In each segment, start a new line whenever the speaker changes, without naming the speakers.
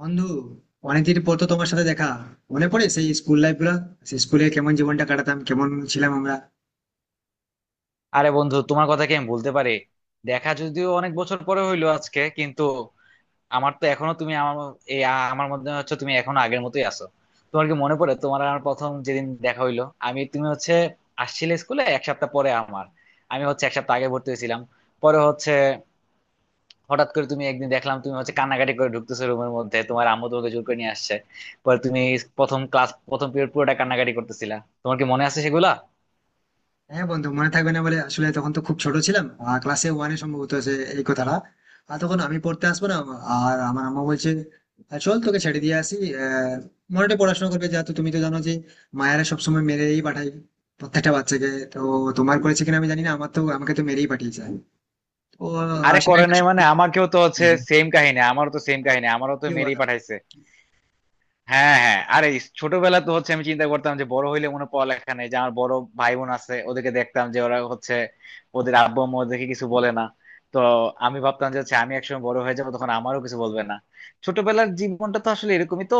বন্ধু, অনেকদিন পর তো তোমার সাথে দেখা। মনে পড়ে সেই স্কুল লাইফ গুলা, সেই স্কুলে কেমন জীবনটা কাটাতাম, কেমন ছিলাম আমরা।
আরে বন্ধু, তোমার কথা কি আমি বলতে পারি। দেখা যদিও অনেক বছর পরে হইলো আজকে, কিন্তু আমার তো এখনো তুমি আমার এই আমার মধ্যে হচ্ছে তুমি এখনো আগের মতোই আছো। তোমার কি মনে পড়ে তোমার আর আমার প্রথম যেদিন দেখা হইলো? তুমি হচ্ছে আসছিলে স্কুলে 1 সপ্তাহ পরে আমার। আমি হচ্ছে 1 সপ্তাহ আগে ভর্তি হয়েছিলাম। পরে হচ্ছে হঠাৎ করে তুমি একদিন দেখলাম তুমি হচ্ছে কান্নাকাটি করে ঢুকতেছো রুমের মধ্যে, তোমার আম্মু তোমাকে জোর করে নিয়ে আসছে। পরে তুমি প্রথম ক্লাস প্রথম পিরিয়ড পুরোটা কান্নাকাটি করতেছিলা। তোমার কি মনে আছে সেগুলা?
হ্যাঁ বন্ধু, মনে থাকবে না বলে আসলে তখন তো খুব ছোট ছিলাম, আর ক্লাসে ওয়ানে সম্ভবত সে এই কথাটা। আর তখন আমি পড়তে আসবো না, আর আমার আম্মা বলছে, চল তোকে ছেড়ে দিয়ে আসি। আহ মনেটা পড়াশোনা করবে।" যেহেতু তুমি তো জানো যে মায়েরা সবসময় মেরেই পাঠায় প্রত্যেকটা বাচ্চাকে। তো তোমার করেছে কিনা আমি জানি না, আমার তো আমাকে তো মেরেই পাঠিয়েছে। তো
আরে,
সেটা
করে
একটা
নাই মানে?
সত্যি।
আমাকেও তো হচ্ছে
হ্যাঁ,
সেম কাহিনী, আমারও তো সেম কাহিনী, আমারও তো
কি
মেরি
বলো।
পাঠাইছে। হ্যাঁ হ্যাঁ, আরে ছোটবেলা তো হচ্ছে আমি চিন্তা করতাম যে বড় হইলে মনে হয় পড়ালেখা নেই, যে আমার বড় ভাই বোন আছে, ওদেরকে দেখতাম যে ওরা হচ্ছে ওদের আব্বু আম্মু ওদেরকে কিছু বলে না। তো আমি ভাবতাম যে হচ্ছে আমি একসময় বড় হয়ে যাবো, তখন আমারও কিছু বলবে না। ছোটবেলার জীবনটা তো আসলে এরকমই তো।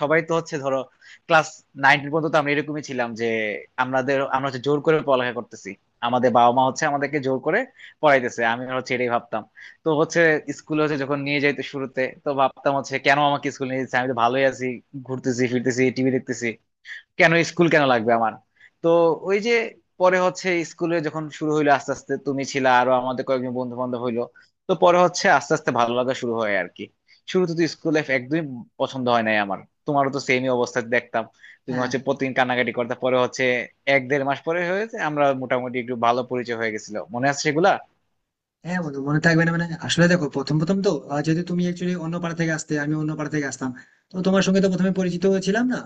সবাই তো হচ্ছে ধরো ক্লাস 9 পর্যন্ত তো আমরা এরকমই ছিলাম, যে আমরা হচ্ছে জোর করে পড়ালেখা করতেছি, আমাদের বাবা মা হচ্ছে আমাদেরকে জোর করে পড়াইতেছে, আমি হচ্ছে এটাই ভাবতাম। তো হচ্ছে স্কুলে হচ্ছে যখন নিয়ে যাইতো, শুরুতে তো ভাবতাম হচ্ছে কেন আমাকে স্কুলে নিয়ে যাচ্ছে, আমি তো ভালোই আছি, ঘুরতেছি ফিরতেছি টিভি দেখতেছি, কেন স্কুল কেন লাগবে আমার? তো ওই যে পরে হচ্ছে স্কুলে যখন শুরু হইলো আস্তে আস্তে, তুমি ছিলা, আরো আমাদের কয়েকজন বন্ধু বান্ধব হইলো। তো পরে হচ্ছে আস্তে আস্তে ভালো লাগা শুরু হয় আর কি। শুরুতে তো স্কুল লাইফ একদমই পছন্দ হয় নাই আমার। তোমারও তো সেমই অবস্থা দেখতাম, তুমি
হ্যাঁ
হচ্ছে প্রতিদিন কান্নাকাটি করতে। পরে হচ্ছে এক দেড় মাস পরে হয়েছে আমরা মোটামুটি একটু ভালো পরিচয় হয়ে গেছিল, মনে আছে সেগুলা?
হ্যাঁ, বন্ধু মনে থাকবে না মানে? আসলে দেখো, প্রথম প্রথম তো যেহেতু তুমি একচুয়ালি অন্য পাড়া থেকে আসতে, আমি অন্য পাড়া থেকে আসতাম, তো তোমার সঙ্গে তো প্রথমে পরিচিত ছিলাম না।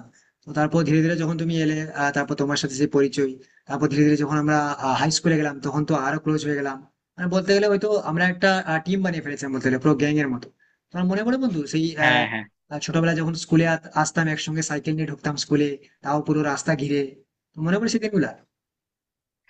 তো তারপর ধীরে ধীরে যখন তুমি এলে, তারপর তোমার সাথে সেই পরিচয়। তারপর ধীরে ধীরে যখন আমরা হাই স্কুলে গেলাম তখন তো আরো ক্লোজ হয়ে গেলাম। মানে বলতে গেলে হয়তো আমরা একটা টিম বানিয়ে ফেলেছিলাম, বলতে গেলে পুরো গ্যাং এর মতো। তোমার মনে পড়ে বন্ধু সেই
হ্যাঁ হ্যাঁ।
ছোটবেলায় যখন স্কুলে আসতাম একসঙ্গে সাইকেল নিয়ে ঢুকতাম স্কুলে, তাও পুরো রাস্তা ঘিরে। তো মনে পড়ে সেই দিনগুলা?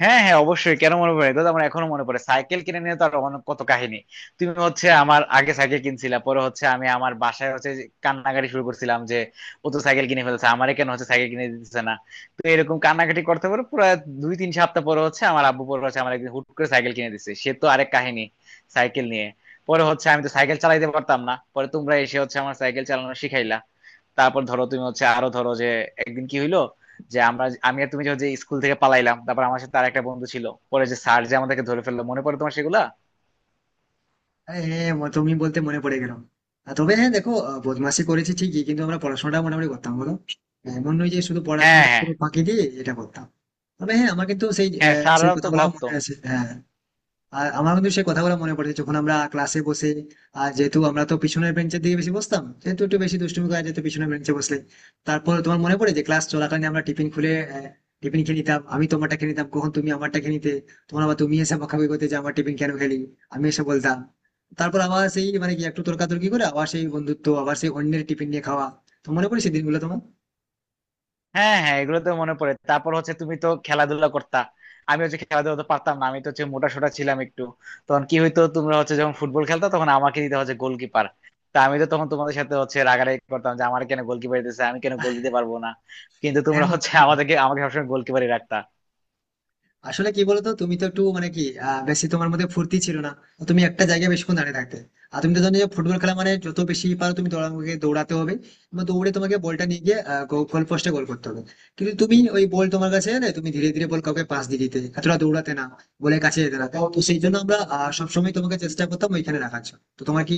হ্যাঁ হ্যাঁ, অবশ্যই, কেন মনে পড়ে? এটা তো আমার এখনো মনে পড়ে। সাইকেল কিনে নিয়ে তো আর অনেক কত কাহিনী। তুমি হচ্ছে আমার আগে সাইকেল কিনছিলা, পরে হচ্ছে আমি আমার বাসায় হচ্ছে যে কান্নাকাটি শুরু করছিলাম, যে ও তো সাইকেল কিনে ফেলছে, আমারে কেন হচ্ছে সাইকেল কিনে দিতেছে না। তো এরকম কান্নাকাটি করতে পারে পুরো 2-3 সপ্তাহ, পরে হচ্ছে আমার আব্বু পরে হচ্ছে আমার একদিন হুট করে সাইকেল কিনে দিচ্ছে, সে তো আরেক কাহিনী। সাইকেল নিয়ে পরে হচ্ছে আমি তো সাইকেল চালাইতে পারতাম না, পরে তোমরা এসে হচ্ছে আমার সাইকেল চালানো শিখাইলা। তারপর ধরো তুমি হচ্ছে আরো ধরো যে একদিন কি হইলো, যে আমি আর তুমি যে স্কুল থেকে পালাইলাম, তারপর আমার সাথে আর একটা বন্ধু ছিল, পরে যে স্যার যে আমাদেরকে ধরে ফেললো, মনে পড়ে তোমার সেগুলা?
হ্যাঁ হ্যাঁ, হ্যাঁ, তুমি বলতে মনে পড়ে গেল। তবে হ্যাঁ দেখো, বদমাশি করেছি ঠিকই কিন্তু আমরা পড়াশোনাটা মোটামুটি করতাম, বলো। এমন নয় যে শুধু
হ্যাঁ
পড়াশোনাটা
হ্যাঁ
পুরো ফাঁকি দিয়ে এটা করতাম। তবে হ্যাঁ, আমার কিন্তু সেই
হ্যাঁ,
সেই
স্যাররাও তো
কথাগুলো
ভাবতো।
মনে আছে, হ্যাঁ। আর আমার কিন্তু সেই কথাগুলো মনে পড়ে যখন আমরা ক্লাসে বসে, আর যেহেতু আমরা তো পিছনের বেঞ্চের দিকে বেশি বসতাম সেহেতু একটু বেশি দুষ্টুমি করা যেত পিছনের বেঞ্চে বসলে। তারপর তোমার মনে পড়ে যে ক্লাস চলাকালীন আমরা টিফিন খুলে টিফিন খেয়ে নিতাম, আমি তোমারটা খেয়ে নিতাম, কখন তুমি আমারটা খেয়ে নিতে। তখন আবার তুমি এসে বকাবকি করতে যে আমার টিফিন কেন খেলি, আমি এসে বলতাম। তারপর আবার সেই মানে কি একটু তর্কাতর্কি করে আবার সেই বন্ধুত্ব, আবার সেই অন্যের টিফিন নিয়ে খাওয়া। তো মনে পড়ে সেই দিনগুলো তোমার?
হ্যাঁ হ্যাঁ, এগুলো তো মনে পড়ে। তারপর হচ্ছে তুমি তো খেলাধুলা করতা, আমি হচ্ছে খেলাধুলা তো পারতাম না, আমি তো হচ্ছে মোটা সোটা ছিলাম একটু। তখন কি হইতো, তোমরা হচ্ছে যখন ফুটবল খেলতা তখন আমাকে দিতে হচ্ছে গোলকিপার। তা আমি তো তখন তোমাদের সাথে হচ্ছে রাগারাগি করতাম যে আমার কেন গোলকিপার দিতেছে, আমি কেন গোল দিতে পারবো না? কিন্তু
হ্যাঁ
তোমরা
বন্ধু,
হচ্ছে আমাকে সবসময় গোলকিপারই রাখতা।
আসলে কি বলতো, তুমি তো একটু মানে কি, বেশি তোমার মধ্যে ফুর্তি ছিল না। তো তুমি একটা জায়গায় বেশিক্ষণ দাঁড়িয়ে থাকতে। আর তুমি তো জানো যে ফুটবল খেলা মানে যত বেশি পারো তুমি তোমাকে দৌড়াতে হবে, এবং দৌড়ে তোমাকে বলটা নিয়ে গিয়ে গোল পোস্টে গোল করতে হবে। কিন্তু তুমি ওই বল তোমার কাছে এলে তুমি ধীরে ধীরে বল কাউকে পাস দিয়ে দিতে, এতটা দৌড়াতে না, বলে কাছে যেতে না। তো তো সেই জন্য আমরা সবসময় তোমাকে চেষ্টা করতাম ওইখানে রাখার জন্য। তো তোমার কি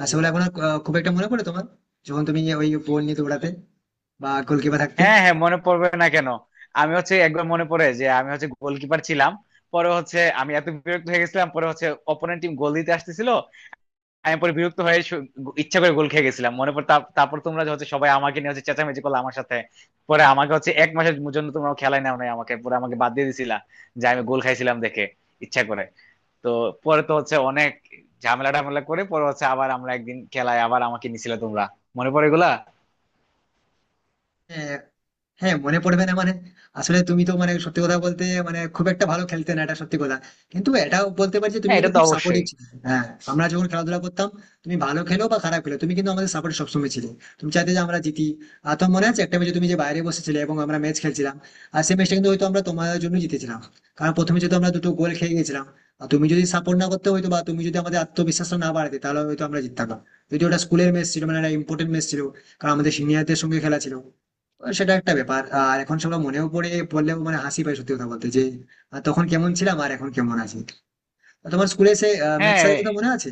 সেগুলো এখন আর, খুব একটা মনে পড়ে তোমার, যখন তুমি ওই বল নিয়ে দৌড়াতে বা গোলকিপার থাকতে?
হ্যাঁ হ্যাঁ, মনে পড়বে না কেন? আমি হচ্ছে একবার মনে পড়ে যে আমি হচ্ছে গোলকিপার ছিলাম, পরে হচ্ছে আমি এত বিরক্ত হয়ে গেছিলাম, পরে হচ্ছে অপোনেন্ট টিম গোল দিতে আসতেছিল। আমি পরে বিরক্ত হয়ে ইচ্ছা করে গোল খেয়ে গেছিলাম, মনে পড়ে। তারপর তোমরা যে হচ্ছে সবাই আমাকে নিয়ে হচ্ছে চেঁচামেচি করলো আমার সাথে। পরে আমাকে হচ্ছে 1 মাসের জন্য তোমরা খেলায় নাও নাই আমাকে, পরে আমাকে বাদ দিয়ে দিছিলা, যে আমি গোল খাইছিলাম দেখে ইচ্ছা করে। তো পরে তো হচ্ছে অনেক ঝামেলা টামেলা করে পরে হচ্ছে আবার আমরা একদিন খেলায় আবার আমাকে নিছিলে তোমরা, মনে পড়ে এগুলা?
হ্যাঁ, হ্যাঁ মনে পড়বে না মানে? আসলে তুমি তো মানে সত্যি কথা বলতে মানে খুব একটা ভালো খেলতে না, এটা সত্যি কথা। কিন্তু এটাও বলতে পারি যে তুমি
হ্যাঁ,
কিন্তু
এটা তো
খুব সাপোর্টিভ
অবশ্যই।
ছিলে, হ্যাঁ। আমরা যখন খেলাধুলা করতাম তুমি ভালো খেলো বা খারাপ খেলো তুমি কিন্তু আমাদের সাপোর্ট সবসময় ছিলে, তুমি চাইতে যে আমরা জিতি। আর তোমার মনে আছে একটা ম্যাচে তুমি যে বাইরে বসেছিলে এবং আমরা ম্যাচ খেলছিলাম, আর সেই ম্যাচটা কিন্তু হয়তো আমরা তোমাদের জন্য জিতেছিলাম। কারণ প্রথমে যদি আমরা দুটো গোল খেয়ে গেছিলাম, আর তুমি যদি সাপোর্ট না করতে, হয়তো বা তুমি যদি আমাদের আত্মবিশ্বাসটা না বাড়াতে তাহলে হয়তো আমরা জিততাম না। যদি ওটা স্কুলের ম্যাচ ছিল, মানে একটা ইম্পর্টেন্ট ম্যাচ ছিল, কারণ আমাদের সিনিয়রদের সঙ্গে খেলা ছিল। সেটা একটা ব্যাপার, আর এখন সেগুলো মনেও পড়ে, পড়লেও মানে হাসি পায় সত্যি কথা বলতে, যে তখন কেমন ছিলাম আর এখন কেমন আছি। তো তোমার স্কুলে সে ম্যাথ
হ্যাঁ
স্যারের কথা মনে আছে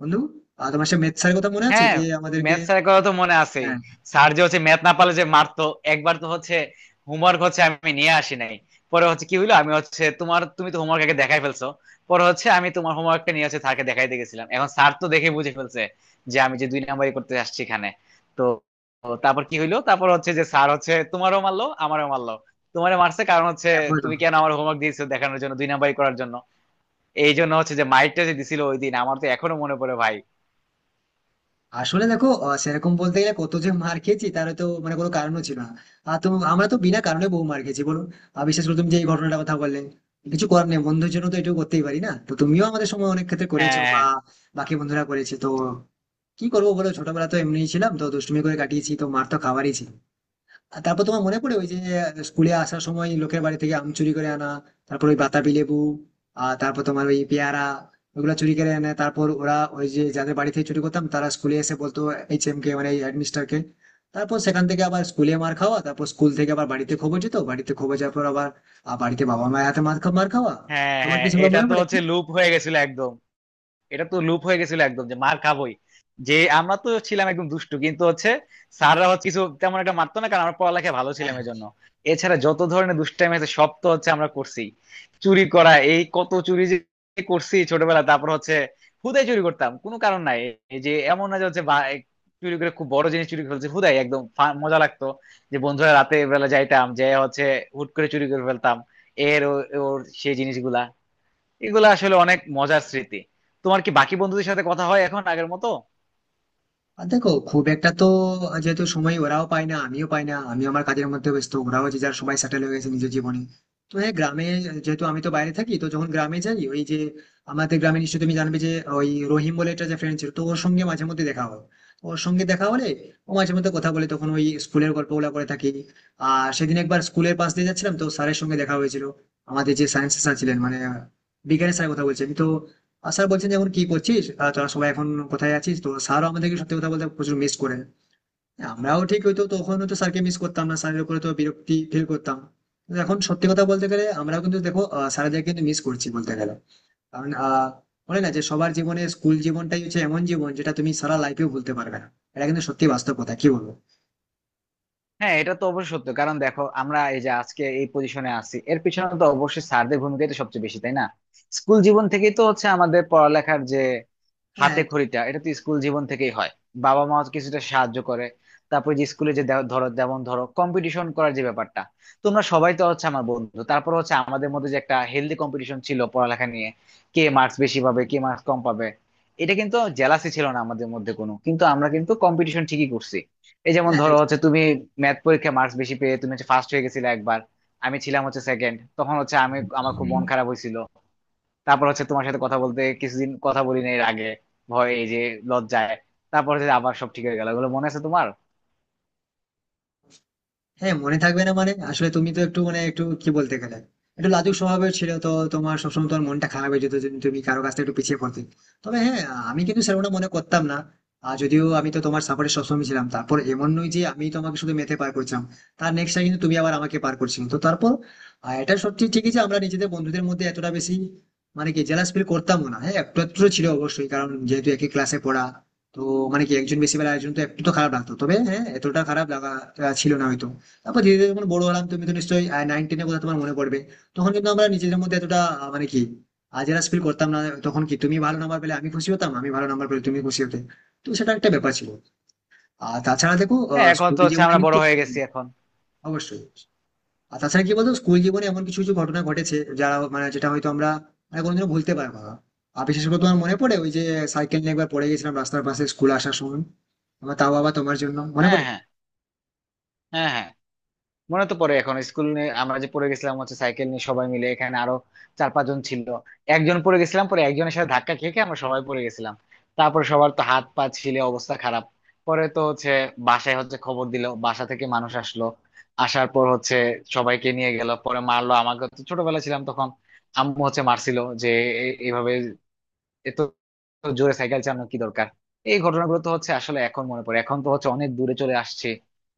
বন্ধু? তোমার সে ম্যাথ স্যারের কথা মনে আছে
হ্যাঁ,
যে আমাদেরকে?
ম্যাথ স্যারের কথা তো মনে আছেই।
হ্যাঁ
স্যার যে হচ্ছে ম্যাথ না পারলে যে মারতো। একবার তো হচ্ছে হোমওয়ার্ক হচ্ছে আমি নিয়ে আসি নাই। পরে হচ্ছে কি হইলো, আমি হচ্ছে তুমি তো হোমওয়ার্ক আগে দেখাই ফেলছো। পরে হচ্ছে আমি তোমার হোমওয়ার্কটা নিয়ে হচ্ছে স্যারকে দেখাইতে গেছিলাম, এখন স্যার তো দেখে বুঝে ফেলছে যে আমি যে দুই নাম্বারই করতে আসছি এখানে। তো তো তারপর কি হইলো, তারপর হচ্ছে যে স্যার হচ্ছে তোমারও মারলো আমারও মারলো। তোমারে মারছে কারণ হচ্ছে
হ্যাঁ, বলো।
তুমি কেন আমার হোমওয়ার্ক দিয়েছো দেখানোর জন্য, দুই নাম্বারই করার জন্য। এই জন্য হচ্ছে যে মাইকটা যে দিছিল ওই দিন আমার তো এখনো মনে পড়ে ভাই।
আসলে দেখো, সেরকম বলতে গেলে কত যে মার খেয়েছি তার তো মানে কোনো কারণও ছিল না। আর তো আমরা তো বিনা কারণে বহু মার খেয়েছি, বলো। আর বিশেষ করে তুমি যে এই ঘটনাটা কথা বললে, কিছু করার নেই, বন্ধুর জন্য তো এটুকু করতেই পারি না? তো তুমিও আমাদের সময় অনেক ক্ষেত্রে করেছো,
হ্যাঁ হ্যাঁ।
বা বাকি বন্ধুরা করেছে তো। কি করবো বলো, ছোটবেলা তো এমনিই ছিলাম, তো দুষ্টুমি করে কাটিয়েছি তো মার তো খাওয়ারই ছিল। আর তারপর তোমার মনে পড়ে ওই যে স্কুলে আসার সময় লোকের বাড়ি থেকে আম চুরি করে আনা, তারপর ওই বাতাবি লেবু, আর তারপর তোমার ওই পেয়ারা, ওগুলা চুরি করে আনে, তারপর ওরা ওই যে যাদের বাড়ি থেকে চুরি করতাম তারা স্কুলে এসে বলতো এইচ এম কে মানে হেডমিস্টার কে। তারপর সেখান থেকে আবার স্কুলে মার খাওয়া, তারপর স্কুল থেকে আবার বাড়িতে খবর যেত, বাড়িতে খবর যাওয়ার পর আবার বাড়িতে বাবা মায়ের হাতে মার খাওয়া।
হ্যাঁ
তোমার কি
হ্যাঁ,
সেগুলো
এটা
মনে
তো
পড়ে
হচ্ছে
এখন?
লুপ হয়ে গেছিল একদম। এটা তো লুপ হয়ে গেছিল একদম, যে মার খাবোই। যে আমরা তো ছিলাম একদম দুষ্টু, কিন্তু হচ্ছে স্যাররা হচ্ছে কিছু তেমন একটা মারতো না, কারণ আমরা পড়ালেখা ভালো ছিলাম
হ্যাঁ,
এই জন্য। এছাড়া যত ধরনের দুষ্টাইম আছে সব তো হচ্ছে আমরা করছি, চুরি করা, এই কত চুরি যে করছি ছোটবেলা। তারপর হচ্ছে হুদাই চুরি করতাম, কোনো কারণ নাই। এই যে এমন না যে হচ্ছে চুরি করে খুব বড় জিনিস চুরি করে ফেলছি, হুদাই একদম মজা লাগতো। যে বন্ধুরা রাতে বেলা যাইতাম যে হচ্ছে হুট করে চুরি করে ফেলতাম এর ওর সেই জিনিসগুলা। এগুলো আসলে অনেক মজার স্মৃতি। তোমার কি বাকি বন্ধুদের সাথে কথা হয় এখন আগের মতো?
আর দেখো খুব একটা তো, যেহেতু সময় ওরাও পায় না আমিও পাই না, আমি আমার কাজের মধ্যে ব্যস্ত, ওরাও যে যার সবাই সেটেল হয়ে গেছে নিজের জীবনে। তো হ্যাঁ, গ্রামে, যেহেতু আমি তো বাইরে থাকি তো যখন গ্রামে যাই, ওই যে আমাদের গ্রামে নিশ্চয়ই তুমি জানবে যে ওই রহিম বলে একটা যে ফ্রেন্ড ছিল, তো ওর সঙ্গে মাঝে মধ্যে দেখা হয়। তো ওর সঙ্গে দেখা হলে ও মাঝে মধ্যে কথা বলে, তখন ওই স্কুলের গল্পগুলো করে থাকি। আর সেদিন একবার স্কুলের পাশ দিয়ে যাচ্ছিলাম তো স্যারের সঙ্গে দেখা হয়েছিল। আমাদের যে সায়েন্স স্যার ছিলেন, মানে বিজ্ঞানের স্যার কথা বলছেন তো, আর স্যার বলছেন যে এখন কি করছিস, তোরা সবাই এখন কোথায় আছিস। তো স্যারও আমাদেরকে সত্যি কথা বলতে প্রচুর মিস করে, আমরাও ঠিক হয়তো তখন হয়তো স্যারকে মিস করতাম না, স্যারের উপরে তো বিরক্তি ফিল করতাম, কিন্তু এখন সত্যি কথা বলতে গেলে আমরাও কিন্তু দেখো স্যারদের কিন্তু মিস করছি বলতে গেলে। কারণ বলে না যে সবার জীবনে স্কুল জীবনটাই হচ্ছে এমন জীবন যেটা তুমি সারা লাইফেও ভুলতে পারবে না। এটা কিন্তু সত্যি বাস্তব কথা, কি বলবো।
হ্যাঁ, এটা তো অবশ্যই সত্য, কারণ দেখো, আমরা এই যে আজকে এই পজিশনে আছি, এর পিছনে তো অবশ্যই স্যারদের ভূমিকাই তো সবচেয়ে বেশি, তাই না? স্কুল জীবন থেকেই তো হচ্ছে আমাদের পড়ালেখার যে
হ্যাঁ
হাতে
একদম।
খড়িটা এটা তো স্কুল জীবন থেকেই হয়। বাবা মা কিছুটা সাহায্য করে। তারপরে যে স্কুলে যে ধরো, যেমন ধরো কম্পিটিশন করার যে ব্যাপারটা, তোমরা সবাই তো হচ্ছে আমার বন্ধু, তারপর হচ্ছে আমাদের মধ্যে যে একটা হেলদি কম্পিটিশন ছিল পড়ালেখা নিয়ে, কে মার্কস বেশি পাবে কে মার্কস কম পাবে। এটা কিন্তু জেলাসি ছিল না আমাদের মধ্যে কোনো, কিন্তু আমরা কিন্তু কম্পিটিশন ঠিকই করছি। এই যেমন
হ্যাঁ
ধরো হচ্ছে তুমি ম্যাথ পরীক্ষায় মার্কস বেশি পেয়ে তুমি হচ্ছে ফার্স্ট হয়ে গেছিলে একবার, আমি ছিলাম হচ্ছে সেকেন্ড, তখন হচ্ছে আমি, আমার খুব মন খারাপ হয়েছিল। তারপর হচ্ছে তোমার সাথে কথা বলতে, কিছুদিন কথা বলি না এর আগে, ভয়, এই যে লজ্জায়। তারপর হচ্ছে আবার সব ঠিক হয়ে গেল, এগুলো মনে আছে তোমার?
হ্যাঁ, মনে থাকবে না মানে? আসলে তুমি তো একটু মানে একটু কি বলতে গেলে একটু লাজুক স্বভাবের ছিল তো, তোমার সবসময় তোমার মনটা খারাপ হয়ে যেত যদি তুমি কারো কাছ থেকে একটু পিছিয়ে পড়তে। তবে হ্যাঁ, আমি কিন্তু সেরকমটা মনে করতাম না। আর যদিও আমি তো তোমার সাপোর্টে সবসময় ছিলাম, তারপর এমন নয় যে আমি তোমাকে শুধু মেতে পার করছিলাম, তার নেক্সট টাইম কিন্তু তুমি আবার আমাকে পার করছিলে। তো তারপর এটা সত্যি ঠিকই যে আমরা নিজেদের বন্ধুদের মধ্যে এতটা বেশি মানে কি জেলাস ফিল করতাম না। হ্যাঁ একটু একটু ছিল অবশ্যই, কারণ যেহেতু একই ক্লাসে পড়া। তো মানে কি একজন বেশি বেলা একজন তো একটু তো খারাপ লাগতো, তবে হ্যাঁ এতটা খারাপ লাগা ছিল না হয়তো। তারপর ধীরে ধীরে যখন বড় হলাম, তুমি তো নিশ্চয়ই নাইন টেনের কথা তোমার মনে পড়বে, তখন কিন্তু আমরা নিজেদের মধ্যে এতটা মানে কি জেলাস ফিল করতাম না। তখন কি তুমি ভালো নাম্বার পেলে আমি খুশি হতাম, আমি ভালো নাম্বার পেলে তুমি খুশি হতে। তো সেটা একটা ব্যাপার ছিল। আর তাছাড়া দেখো,
হ্যাঁ, এখন
স্কুল
তো হচ্ছে
জীবনে
আমরা বড়
কিন্তু
হয়ে
হ্যাঁ,
গেছি এখন।
অবশ্যই। আর তাছাড়া কি বলতো, স্কুল জীবনে এমন কিছু কিছু ঘটনা ঘটেছে যারা মানে যেটা হয়তো আমরা মানে কোনোদিনও ভুলতে পারবো না। আর বিশেষ করে তোমার মনে পড়ে ওই যে সাইকেল নিয়ে একবার পড়ে গেছিলাম রাস্তার পাশে স্কুল আসার সময়, আমার তাও আবার তোমার জন্য মনে
হ্যাঁ
পড়ে।
হ্যাঁ। হ্যাঁ হ্যাঁ, মনে তো পড়ে, এখন স্কুল নিয়ে আমরা যে পড়ে গেছিলাম হচ্ছে সাইকেল নিয়ে সবাই মিলে, এখানে আরো 4-5 জন ছিল। একজন পড়ে গেছিলাম, পরে একজনের সাথে ধাক্কা খেয়ে খেয়ে আমরা সবাই পড়ে গেছিলাম। তারপর সবার তো হাত পা ছিলে অবস্থা খারাপ। পরে তো হচ্ছে বাসায় হচ্ছে খবর দিল, বাসা থেকে মানুষ আসলো। আসার পর হচ্ছে সবাইকে নিয়ে গেল, পরে মারলো আমাকে, তো ছোটবেলা ছিলাম তখন। আম্মু হচ্ছে মারছিল যে এইভাবে, তো তো জোরে সাইকেল চালানোর কি দরকার। এই ঘটনাগুলো তো হচ্ছে আসলে এখন মনে পড়ে, এখন তো হচ্ছে অনেক দূরে চলে আসছে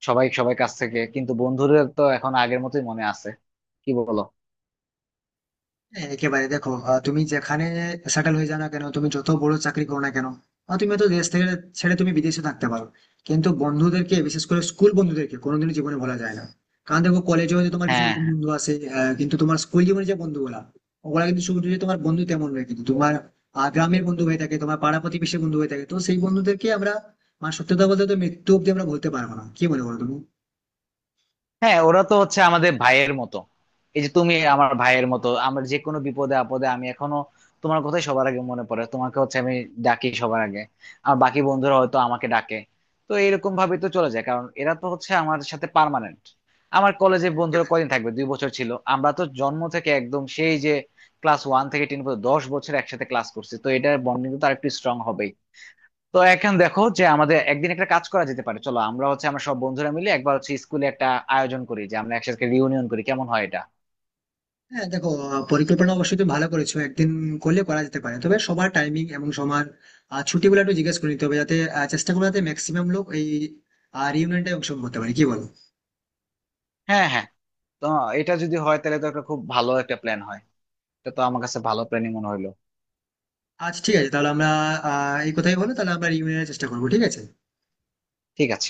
সবাই সবাই কাছ থেকে, কিন্তু বন্ধুদের তো এখন আগের মতোই মনে আছে, কি বলো?
হ্যাঁ, একেবারে দেখো, তুমি যেখানে সেটেল হয়ে যাও না কেন, তুমি যত বড় চাকরি করো না কেন, তুমি তো দেশ থেকে ছেড়ে তুমি বিদেশে থাকতে পারো, কিন্তু বন্ধুদেরকে বিশেষ করে স্কুল বন্ধুদেরকে কোনোদিনও জীবনে ভোলা যায় না। কারণ দেখো কলেজে হয়তো তোমার কিছু
হ্যাঁ
নতুন বন্ধু আসে, কিন্তু তোমার স্কুল জীবনে যে বন্ধুগুলা, ওগুলা কিন্তু শুধু যে তোমার বন্ধু তেমন নয়, কিন্তু তোমার গ্রামের বন্ধু হয়ে থাকে, তোমার পাড়া প্রতিবেশী বন্ধু হয়ে থাকে। তো সেই বন্ধুদেরকে আমরা মানে সত্যি কথা বলতে তো মৃত্যু অব্দি আমরা বলতে পারবো না। কি মনে করো তুমি?
হ্যাঁ, ওরা তো হচ্ছে আমাদের ভাইয়ের মতো। এই যে তুমি আমার ভাইয়ের মতো, আমার যে কোনো বিপদে আপদে আমি এখনো তোমার কথাই সবার আগে মনে পড়ে, তোমাকে হচ্ছে আমি ডাকি সবার আগে, আর বাকি বন্ধুরা হয়তো আমাকে ডাকে। তো এরকম ভাবে তো চলে যায়, কারণ এরা তো হচ্ছে আমার সাথে পার্মানেন্ট। আমার কলেজে বন্ধুরা কয়দিন থাকবে, 2 বছর ছিল। আমরা তো জন্ম থেকে একদম সেই যে ক্লাস 1 থেকে 10 পর্যন্ত 10 বছর একসাথে ক্লাস করছি, তো এটার বন্ডিং তো আর একটু স্ট্রং হবেই। তো এখন দেখো যে আমাদের একদিন একটা কাজ করা যেতে পারে, চলো আমরা হচ্ছে আমরা সব বন্ধুরা মিলে একবার হচ্ছে স্কুলে একটা আয়োজন করি, যে আমরা একসাথে রিউনিয়ন করি, কেমন হয় এটা?
হ্যাঁ দেখো, পরিকল্পনা অবশ্যই তুমি ভালো করেছো, একদিন করলে করা যেতে পারে। তবে সবার টাইমিং এবং সবার ছুটিগুলো একটু জিজ্ঞেস করে নিতে হবে, যাতে চেষ্টা করবো যাতে ম্যাক্সিমাম লোক এই রিউনিয়নটা অংশগ্রহণ করতে পারে। কি বলো?
হ্যাঁ হ্যাঁ। তো এটা যদি হয় তাহলে তো একটা খুব ভালো একটা প্ল্যান হয়। এটা তো আমার কাছে ভালো প্ল্যানই মনে হইলো।
আচ্ছা ঠিক আছে, তাহলে আমরা এই কথাই বলো, তাহলে আমরা রিউনিয়নের চেষ্টা করবো, ঠিক আছে।
ঠিক আছে।